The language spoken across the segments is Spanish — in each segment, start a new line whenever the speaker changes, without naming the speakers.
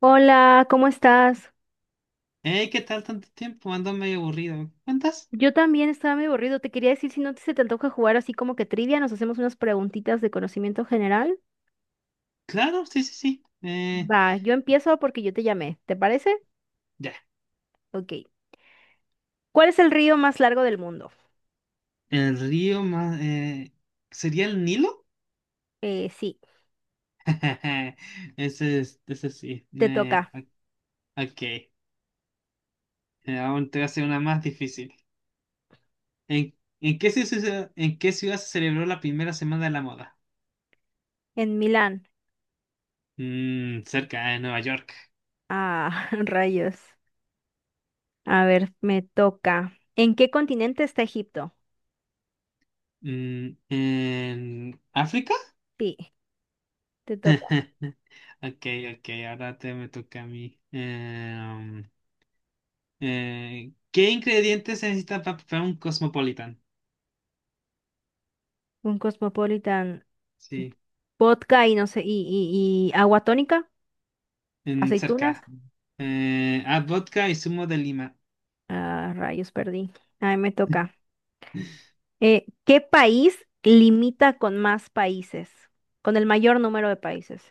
Hola, ¿cómo estás?
Hey, ¿qué tal tanto tiempo? Ando medio aburrido. ¿Me cuentas?
Yo también estaba medio aburrido. Te quería decir si no se te antoja jugar así como que trivia, nos hacemos unas preguntitas de conocimiento general.
Claro, sí, sí, sí.
Va, yo empiezo porque yo te llamé. ¿Te parece?
Ya.
Ok. ¿Cuál es el río más largo del mundo?
El río más, ¿sería el Nilo?
Sí,
Ese es, ese sí.
te toca.
Ok. Aún te voy a hacer una más difícil. ¿En, ¿en qué ciudad se celebró la primera semana de la moda?
En Milán.
Mm, cerca de Nueva York.
Ah, rayos. A ver, me toca. ¿En qué continente está Egipto?
Mm, ¿en África?
Sí, te toca.
Ok, ok, ahora te me toca a mí. ¿Qué ingredientes se necesitan para preparar un cosmopolitan?
Un cosmopolitan.
Sí,
Vodka y no sé, y agua tónica,
en
aceitunas.
cerca. Vodka y zumo de lima.
Ah, rayos, perdí. Ahí me toca. ¿Qué país limita con más países? Con el mayor número de países.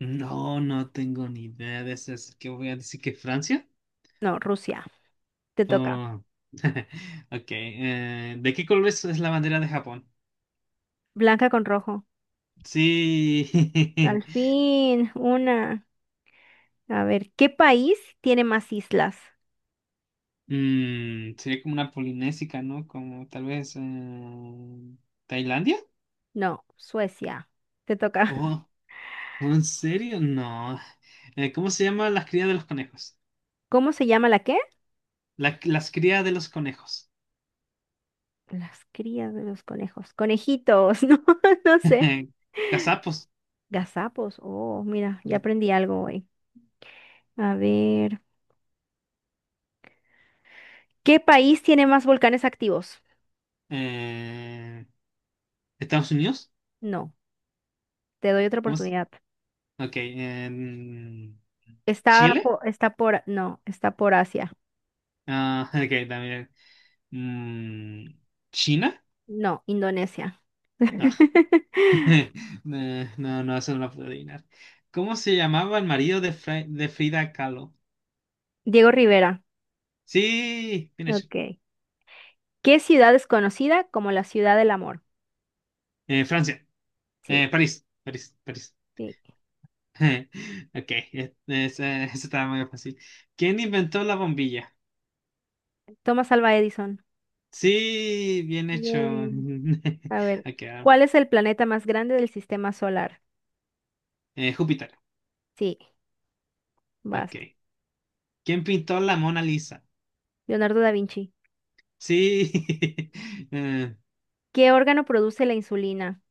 No, no tengo ni idea de eso. ¿Qué voy a decir que Francia?
No, Rusia. Te toca.
Oh. Ok. ¿De qué es la bandera de Japón?
Blanca con rojo.
Sí.
Al fin, una. A ver, ¿qué país tiene más islas?
Mm, sería como una polinésica, ¿no? Como tal vez, Tailandia.
No, Suecia. Te toca.
Oh, ¿en serio? No. ¿Cómo se llama las crías de los conejos?
¿Cómo se llama la qué?
Las crías de los conejos.
Las crías de los conejos. Conejitos, no, no sé.
Gazapos.
Gazapos. Oh, mira, ya aprendí algo hoy. A ver, ¿qué país tiene más volcanes activos?
Eh, Estados Unidos.
No. Te doy otra
¿Cómo es?
oportunidad.
Ok. en
Está
Chile.
por, está por, no, está por Asia.
Ah, ok, también. Mm, China.
No, Indonesia.
Ah, eh, no, no, eso no lo puedo adivinar. ¿Cómo se llamaba el marido de Frida Kahlo?
Diego Rivera.
Sí, bien hecho.
Ok. ¿Qué ciudad es conocida como la ciudad del amor?
Francia.
Sí,
París. París. París.
sí.
Ok, esa estaba muy fácil. ¿Quién inventó la bombilla?
Thomas Alva Edison.
Sí, bien hecho.
Yay. A ver,
Acá.
¿cuál es el planeta más grande del sistema solar?
Júpiter.
Sí,
Ok.
basta.
¿Quién pintó la Mona Lisa?
Leonardo da Vinci.
Sí.
¿Qué órgano produce la insulina?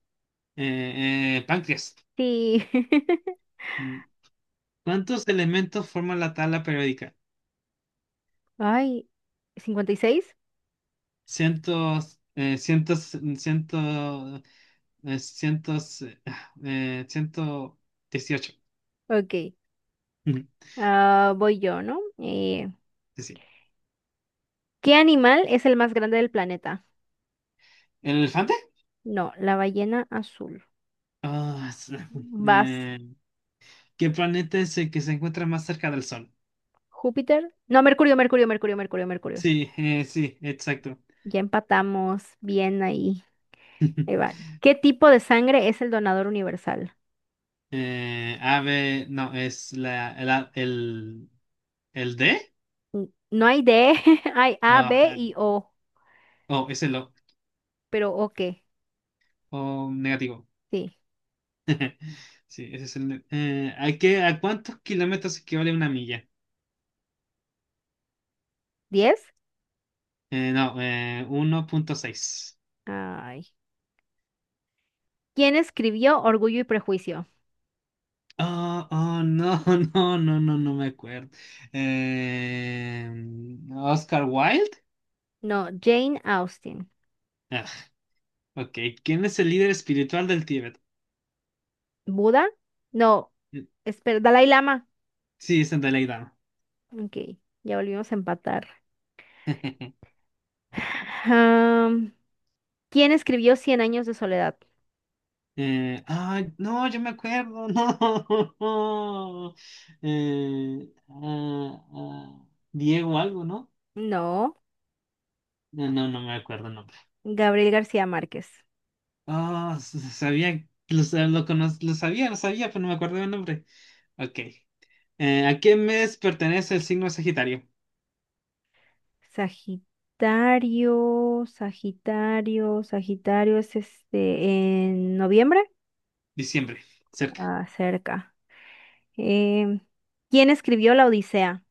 Páncreas.
Sí.
Mm. ¿Cuántos elementos forman la tabla periódica?
Ay, 56.
Cientos, eh, cientos, ciento, eh, cientos, eh, 118.
Ok.
Ujú,
Ah, voy yo, ¿no?
Sí. sí.
¿Qué animal es el más grande del planeta?
¿El elefante?
No, la ballena azul.
Ah, es-
Vas,
eh, ¿qué planeta es el que se encuentra más cerca del Sol?
Júpiter. No, Mercurio, Mercurio, Mercurio, Mercurio, Mercurio.
Sí, sí, exacto.
Ya empatamos. Bien ahí. Ahí va. ¿Qué tipo de sangre es el donador universal?
Ave, no, es la, el, a- el, el D.
Mm, No hay D, hay A,
Ah,
B
ja.
y O.
Oh, es el O.
Pero O qué.
O negativo.
Sí.
Sí, ese es el. ¿a cuántos kilómetros equivale una milla?
¿Diez?
No, 1.6.
Ay. ¿Quién escribió Orgullo y Prejuicio?
Oh, oh, no, no, no, no, no me acuerdo. Eh, Oscar Wilde.
No, Jane Austen.
Ah, ok, ¿quién es el líder espiritual del Tíbet?
¿Buda? No.
Mm,
Espera, Dalai Lama.
sí, es el Dalai Lama.
Ok, ya volvimos a empatar. Am, ¿Quién escribió Cien años de soledad?
No, yo me acuerdo, no. Eh, ah, ah, Diego algo, ¿no?
No,
No, no, no me acuerdo el nombre.
Gabriel García Márquez.
Ah, s- sabía, lo, sa- lo, conoz- lo sabía, pero no me acuerdo el nombre. Ok. ¿A qué mes pertenece el signo Sagitario?
Sagitario, Sagitario, Sagitario es este en noviembre,
Diciembre, cerca.
ah, cerca. Em, ¿Quién escribió La Odisea?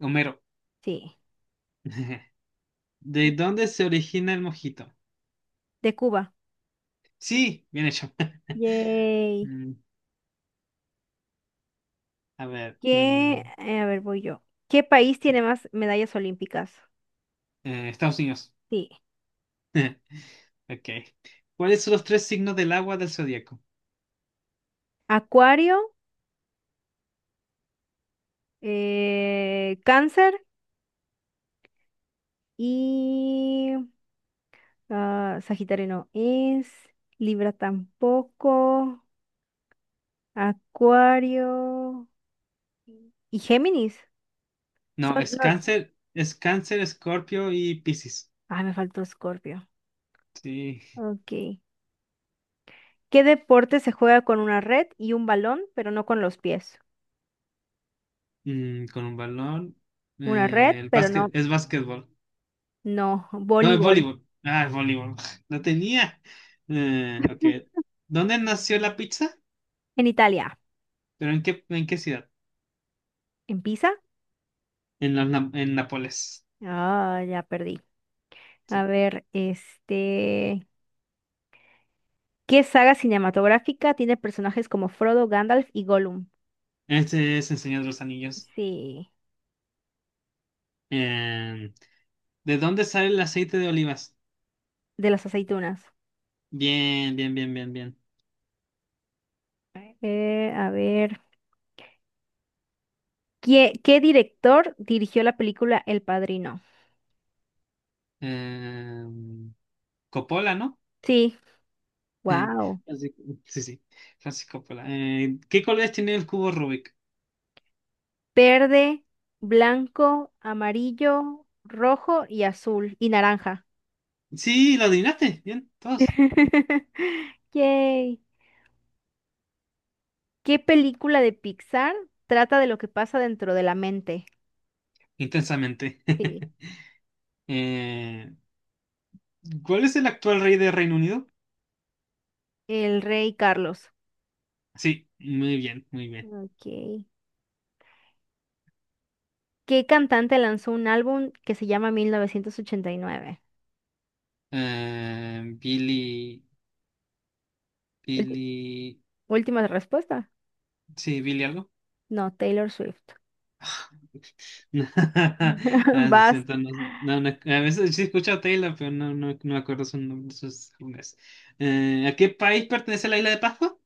Homero.
Sí,
¿De
eh,
dónde se origina el mojito?
de Cuba.
Sí, bien hecho.
Yay.
Mm, a ver.
¿Qué? A ver, voy yo. ¿Qué país tiene
Sí.
más medallas olímpicas?
Estados Unidos.
Sí.
Ok. ¿Cuáles son los tres signos del agua del zodiaco?
Acuario, Cáncer y ah, Sagitario no es, Libra tampoco, Acuario y Géminis.
No,
Son, no,
Es Cáncer, Escorpio y Piscis.
ah, me faltó Escorpio.
Sí.
Ok. ¿Qué deporte se juega con una red y un balón, pero no con los pies?
Mm, con un balón.
Una red, pero no,
Es básquetbol.
no,
No, es
voleibol.
voleibol. Ah, es voleibol. Lo tenía. Eh, ok. ¿Dónde nació la pizza?
En Italia,
¿En qué ciudad?
en Pisa.
En Nápoles.
Ah, ya perdí. A
Sí.
ver, este, ¿qué saga cinematográfica tiene personajes como Frodo, Gandalf y Gollum?
Este es el Señor de los Anillos.
Sí,
Eh, ¿De dónde sale el aceite de olivas?
de las aceitunas.
Bien, bien, bien, bien, bien.
A ver, ¿qué director dirigió la película El Padrino?
Eh, Coppola, ¿no?
Sí,
Eh,
wow.
así- sí, sí, Francisco Coppola. ¿Qué colores tiene el cubo Rubik?
Verde, blanco, amarillo, rojo y azul y naranja.
Sí, lo adivinaste, bien, todos.
Yay. ¿Qué película de Pixar trata de lo que pasa dentro de la mente?
Intensamente.
Sí,
Eh, ¿cuál es el actual rey de Reino Unido?
El Rey Carlos.
Sí, muy bien, muy bien.
Ok. ¿Qué cantante lanzó un álbum que se llama 1989?
Eh, Billy,
Ulti-
Billy,
Última respuesta.
sí, Billy algo.
No, Taylor Swift.
Ah, lo
Vas.
siento, no- a veces sí escucho a Taylor, pero no, no, no me acuerdo su nombre, sus nombres. ¿A qué país pertenece la isla de Pascua?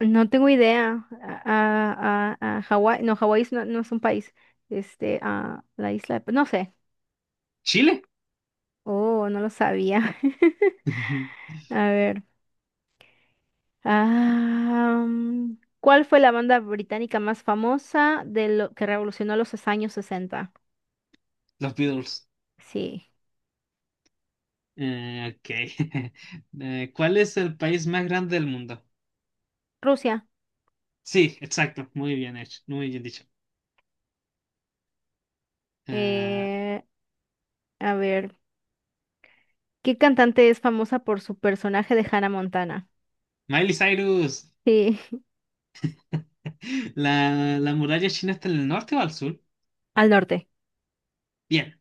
No tengo idea. A Hawái, no, Hawái no, no es un país. Este, a la isla, no sé.
Chile.
Oh, no lo sabía. A ver. Ah, ¿cuál fue la banda británica más famosa de lo que revolucionó los años sesenta?
Los Beatles.
Sí,
Ok. ¿Cuál es el país más grande del mundo?
Rusia.
Sí, exacto. Muy bien hecho. Muy bien dicho. Eh,
Eh, a ver, ¿qué cantante es famosa por su personaje de Hannah Montana?
Miley Cyrus.
Sí,
La muralla china está en el norte o al sur?
al norte.
Bien,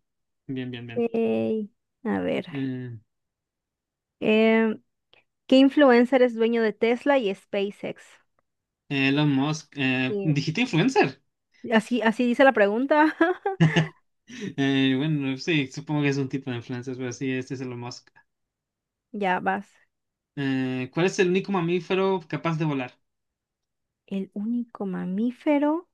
bien, bien, bien.
Ey, a ver.
Eh,
em, ¿Qué influencer es dueño de Tesla y SpaceX?
Elon Musk.
Sí.
¿Dijiste influencer?
Así, así dice la pregunta.
Bueno, sí, supongo que es un tipo de influencer, pero sí, este es Elon Musk.
Ya vas.
¿Cuál es el único mamífero capaz de volar?
El único mamífero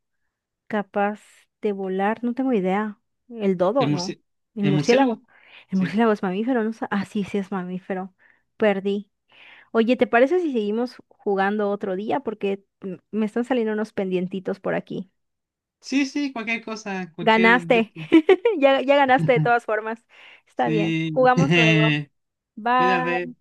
capaz de volar, no tengo idea. El dodo,
¿El
no.
murci-
El
el
murciélago.
murciélago?
El
Sí.
murciélago es mamífero, ¿no? Ah, sí, sí es mamífero. Perdí. Oye, ¿te parece si seguimos jugando otro día? Porque me están saliendo unos pendientitos por aquí.
Sí, sí, cualquier cosa, cualquier...
Ganaste. Ya, ya ganaste de todas formas. Está bien.
Sí,
Jugamos luego.
mira
Bye.
ve